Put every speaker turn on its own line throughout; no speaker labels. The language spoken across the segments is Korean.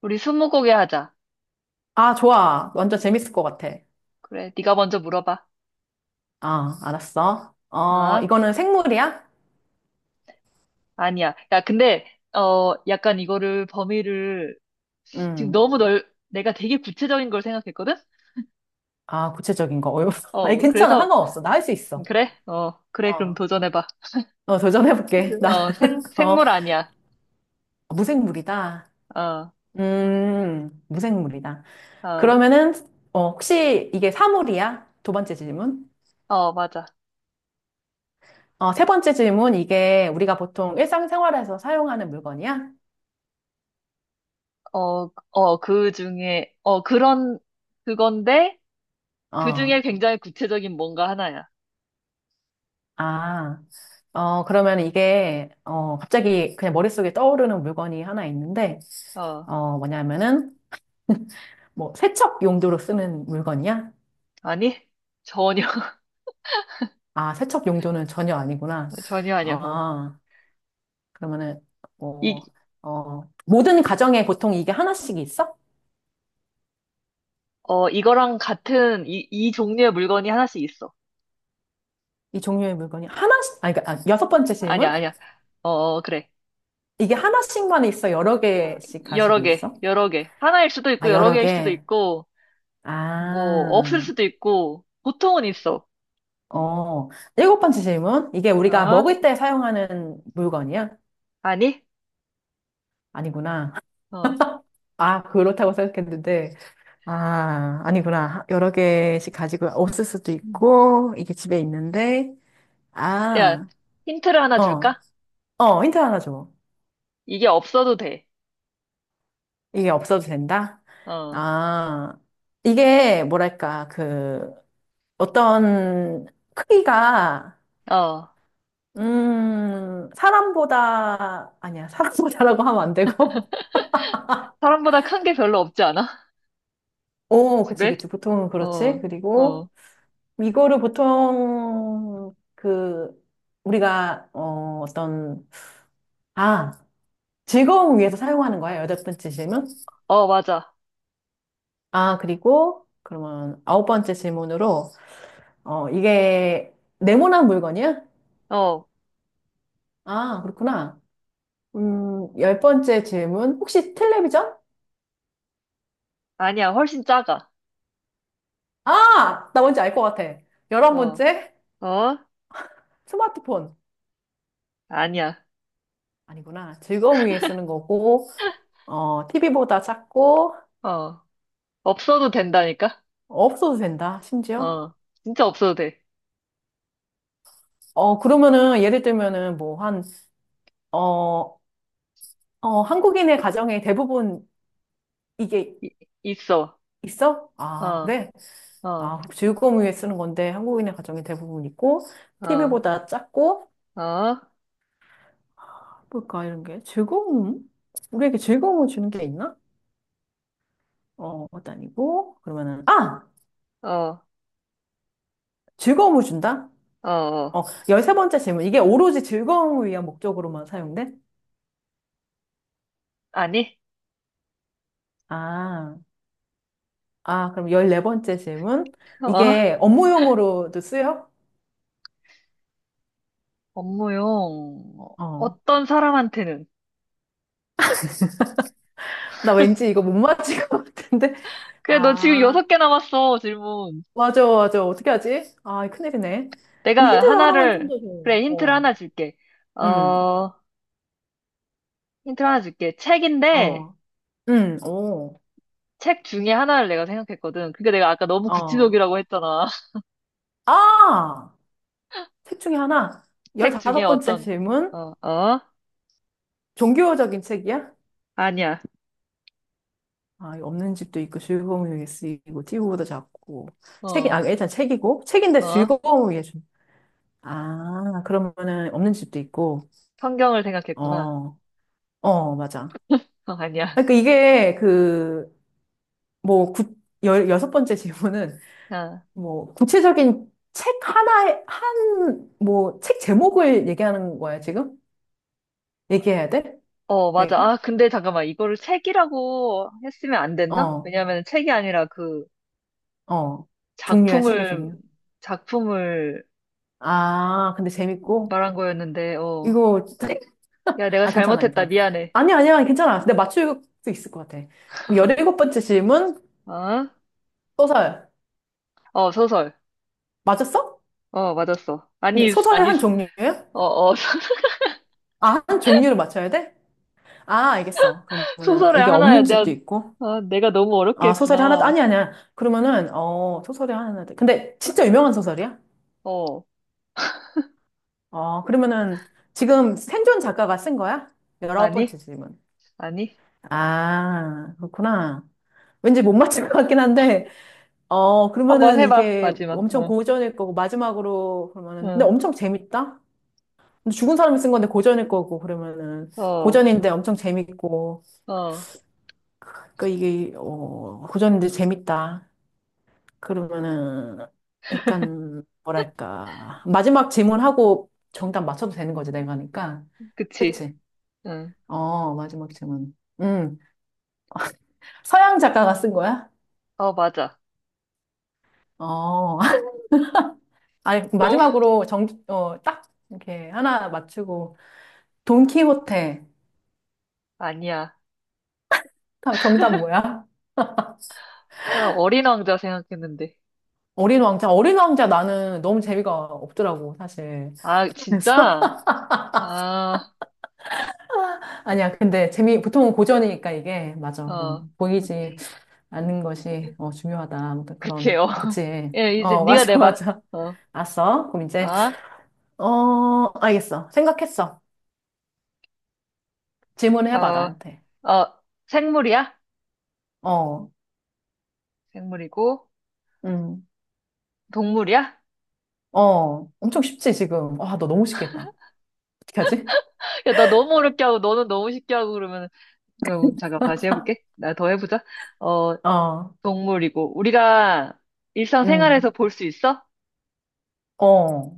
우리 스무고개 하자.
아, 좋아. 완전 재밌을 것 같아.
그래, 네가 먼저 물어봐.
아, 알았어. 어,
아,
이거는 생물이야?
아니야. 야, 근데 약간 이거를 범위를 지금
음.
너무 내가 되게 구체적인 걸 생각했거든?
아, 구체적인 거. 어려워. 아니,
어,
괜찮아.
그래서
상관없어. 나 할 수 있어.
그래, 그럼
어,
도전해봐.
어, 도전해볼게. 나는, 어,
생물 아니야.
무생물이다.
어,
무생물이다.
어,
그러면은, 혹시 이게 사물이야? 두 번째 질문.
맞아.
어, 세 번째 질문. 이게 우리가 보통 일상생활에서 사용하는 물건이야?
그 중에 그런 그건데 그
어.
중에 굉장히 구체적인 뭔가 하나야.
아, 그러면 이게, 갑자기 그냥 머릿속에 떠오르는 물건이 하나 있는데,
어,
뭐냐면은, 뭐, 세척 용도로 쓰는 물건이야?
아니? 전혀.
아, 세척 용도는 전혀 아니구나.
전혀 아니야. 어.
아, 그러면은,
이,
뭐, 모든 가정에 보통 이게 하나씩 있어?
이거랑 같은 이 종류의 물건이 하나씩 있어.
이 종류의 물건이 하나씩, 아, 그러니까, 아, 여섯 번째
아니야,
질문?
아니야. 그래.
이게 하나씩만 있어? 여러 개씩
여러
가지고
개,
있어?
여러 개. 하나일 수도 있고,
아,
여러
여러
개일 수도
개?
있고, 뭐, 없을
아,
수도 있고, 보통은 있어.
어, 일곱 번째 질문. 이게 우리가
어?
먹을 때 사용하는 물건이야?
아니?
아니구나.
어.
아, 그렇다고 생각했는데. 아, 아니구나. 여러 개씩 가지고 없을 수도
음.
있고, 이게 집에 있는데.
야,
아,
힌트를 하나
어,
줄까?
힌트 하나 줘.
이게 없어도 돼.
이게 없어도 된다?
어,
아, 이게 뭐랄까, 그, 어떤 크기가,
어.
사람보다, 아니야, 사람보다라고 하면 안 되고.
사람보다 큰게 별로 없지 않아?
오, 그치,
집에?
그치. 보통은 그렇지.
어, 어.
그리고 이거를 보통 그 우리가 어떤 아, 즐거움 위해서 사용하는 거야. 여덟 번째 질문.
어, 맞아.
아, 그리고 그러면 아홉 번째 질문으로 이게 네모난 물건이야?
어.
아, 그렇구나. 열 번째 질문. 혹시 텔레비전?
아니야, 훨씬 작아.
아, 나 뭔지 알 것 같아. 열한
어,
번째
어?
스마트폰.
아니야.
아니구나. 즐거움 위해 쓰는 거고, 어, TV보다 작고,
어. 없어도 된다니까?
없어도 된다, 심지어?
어, 진짜 없어도 돼.
어, 그러면은, 예를 들면은, 뭐, 한, 어, 한국인의 가정에 대부분 이게
이- 있어.
있어? 아,
어,
그래?
어,
아, 즐거움 위해 쓰는 건데, 한국인의 가정에 대부분 있고,
어,
TV보다 작고,
어,
뭘까, 이런 게. 즐거움? 우리에게 즐거움을 주는 게 있나? 어, 그것도 아니고, 그러면은, 아!
어,
즐거움을 준다?
어,
어,
어.
13번째 질문. 이게 오로지 즐거움을 위한 목적으로만 사용돼?
아니?
아. 아, 그럼 14번째 질문.
어?
이게 업무용으로도 쓰여?
업무용.
어.
어떤 사람한테는?
나 왠지 이거 못 맞힐 것 같은데.
그래, 너 지금
아,
여섯 개 남았어, 질문.
맞아, 맞아. 어떻게 하지? 아, 큰일이네. 그럼
내가
힌트 하나만 좀
하나를,
더 줘.
그래, 힌트를
어.
하나 줄게.
응,
어, 힌트를 하나 줄게. 책인데,
어. 응, 오.
책 중에 하나를 내가 생각했거든. 그게 내가 아까 너무
어.
구치적이라고 했잖아.
아! 책 중에 하나.
책 중에
15번째
어떤,
질문.
어, 어?
종교적인 책이야?
아니야.
아, 이거 없는 집도 있고, 즐거움을 위해 쓰이고, 띄우보다 작고. 책이,
어,
아, 일단 책이고. 책인데
어?
즐거움을 위해 준다. 아, 그러면은 없는 집도 있고,
성경을 생각했구나.
어, 맞아. 아,
어, 아니야.
그러니까 이게 그, 뭐, 구, 열, 여섯 번째 질문은,
아,
뭐, 구체적인 책 하나에, 한, 뭐, 책 제목을 얘기하는 거야, 지금? 얘기해야 돼?
어, 맞아.
내가?
아, 근데 잠깐만. 이거를 책이라고 했으면 안 됐나?
어,
왜냐면 책이 아니라 그
어. 종류야, 책의
작품을,
종류.
작품을
아, 근데 재밌고,
말한 거였는데, 어.
이거, 책?
야, 내가
아, 괜찮아,
잘못했다.
괜찮아.
미안해.
아니야, 아니야, 괜찮아. 근데 맞출 수 있을 것 같아. 그럼 곱번째 질문,
어?
소설.
어, 소설.
맞았어?
어, 맞았어.
근데
아니,
소설의
아니,
한 종류예요?
어, 어,
아, 한 종류를 맞춰야 돼? 아, 알겠어. 그러면은
소설의
이게
하나야.
없는
내가,
집도 있고.
아, 내가 너무 어렵게
아, 소설이 하나,
했구나.
아니, 아니야. 그러면은, 소설이 하나, 돼. 근데 진짜 유명한 소설이야?
어,
어, 그러면은 지금 생존 작가가 쓴 거야? 열아홉
아니,
번째 질문.
아니.
아, 그렇구나. 왠지 못 맞힐 것 같긴 한데, 어,
한번
그러면은
해봐.
이게
마지막.
엄청
응,
고전일 거고, 마지막으로 그러면은, 근데
응,
엄청 재밌다? 근데 죽은 사람이 쓴 건데 고전일 거고, 그러면은,
어,
고전인데 엄청 재밌고,
어,
그 이게 고전인데 재밌다. 그러면은 약간 뭐랄까 마지막 질문하고 정답 맞춰도 되는 거지 내가 하니까.
그치.
그치?
응,
어 마지막 질문. 서양 작가가 쓴 거야?
어, 맞아.
어 아니 마지막으로 정어딱 이렇게 하나 맞추고 돈키호테
아니야.
정답 뭐야?
아, 어린 왕자 생각했는데.
어린 왕자 어린 왕자 나는 너무 재미가 없더라고 사실.
아,
그래서
진짜? 아,
아니야 근데 재미 보통은 고전이니까 이게 맞아
어. 네.
보이지. 아는 것이 중요하다. 아무튼 그런
그치요.
그치.
예, 이제
어
네가
맞아
내봐.
맞아.
어,
알았어. 그럼 이제
아,
어 알겠어. 생각했어. 질문을 해봐
어,
나한테.
어, 생물이야?
어,
생물이고,
음,
동물이야?
엄청 쉽지 지금. 와 너 너무 쉽게 했다. 어떻게 하지?
야, 나 너무 어렵게 하고, 너는 너무 쉽게 하고 그러면, 그럼 잠깐 다시 해볼게. 나 더 해보자. 어,
어,
동물이고, 우리가
음,
일상생활에서 볼 수 있어?
어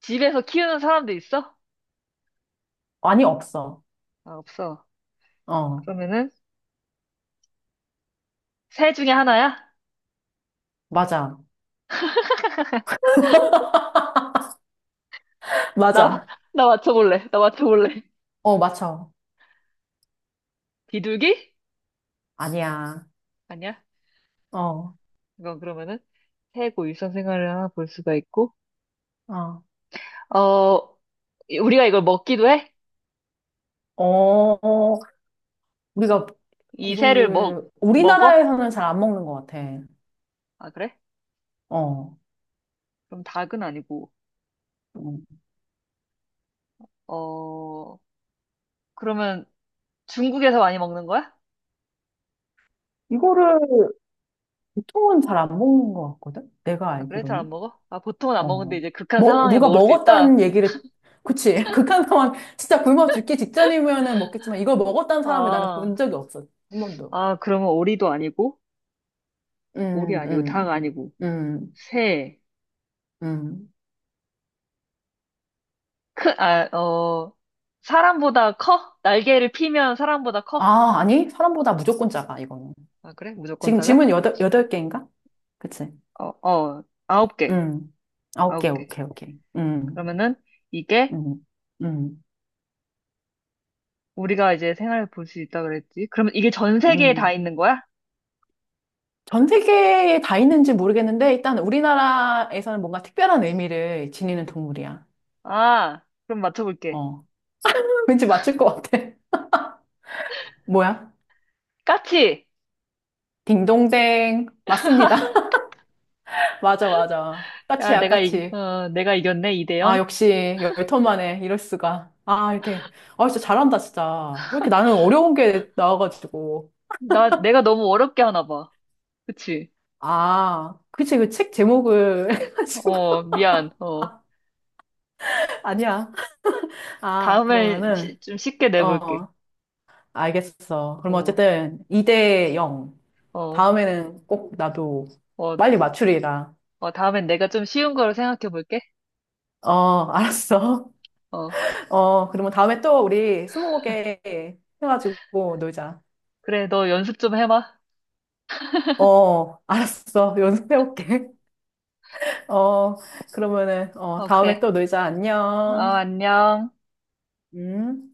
집에서 키우는 사람도 있어?
아니 없어.
아, 없어.
어
그러면은, 새 중에 하나야?
맞아
나,
맞아.
나 맞춰볼래.
어 맞춰.
비둘기?
아니야.
아니야.
어,
이건 그러면은 새고 일상 생활을 하나 볼 수가 있고.
어,
어, 우리가 이걸 먹기도 해?
어 어, 우리가
이 새를 먹,
이거를
먹어?
우리나라에서는 잘 안 먹는 것 같아.
아, 그래?
어.
그럼 닭은 아니고.
어.
어, 그러면 중국에서 많이 먹는 거야?
이거를 보통은 잘 안 먹는 것 같거든? 내가
아, 그래? 잘 안
알기로는.
먹어? 아, 보통은 안 먹는데
어.
이제 극한 상황에
누가
먹을 수 있다?
먹었다는 얘기를, 그치. 극한 상황, 진짜 굶어 죽기 직전이면은 먹겠지만, 이걸 먹었다는 사람을 나는 본
아,
적이 없어. 한 번도.
아, 그러면 오리도 아니고, 오리
음,
아니고, 닭
음,
아니고,
음,
새,
음.
크, 아, 어, 사람보다 커? 날개를 피면 사람보다 커?
아, 아니? 사람보다 무조건 작아, 이거는.
아, 그래? 무조건
지금
작아?
질문 여덟 개인가? 그치.
어, 어, 아홉 개.
음. 아, 오케이,
아홉 개.
오케이, 오케이.
그러면은 이게
음, 음,
우리가 이제 생활을 볼 수 있다 그랬지. 그러면 이게 전 세계에 다
음,
있는 거야?
전 세계에 다 있는지 모르겠는데 일단 우리나라에서는 뭔가 특별한 의미를 지니는 동물이야.
아, 그럼 맞춰볼게.
어. 왠지 맞출 것 같아. 뭐야?
까치!
딩동댕. 맞습니다. 맞아, 맞아.
야,
까치야, 까치.
내가 이겼네, 2대
아,
0.
역시 열턴 만에 이럴 수가. 아, 이렇게. 아, 진짜 잘한다, 진짜. 왜 이렇게 나는 어려운 게 나와가지고.
나, 내가 너무 어렵게 하나 봐. 그치?
아, 그치, 그 책 제목을
어,
해가지고.
미안. 어,
아니야. 아,
다음엔
그러면은,
좀 쉽게 내볼게.
어, 알겠어. 그럼
어,
어쨌든 2대 0.
어,
다음에는 꼭 나도
어,
빨리 맞추리라.
어, 다음엔 내가 좀 쉬운 거로 생각해 볼게.
어, 알았어.
어,
어, 그러면 다음에 또 우리 스무고개 해가지고 놀자.
그래, 너 연습 좀 해봐.
어, 알았어. 연습해올게. 어, 그러면은,
어,
다음에
그래.
또 놀자.
어,
안녕.
안녕.
음.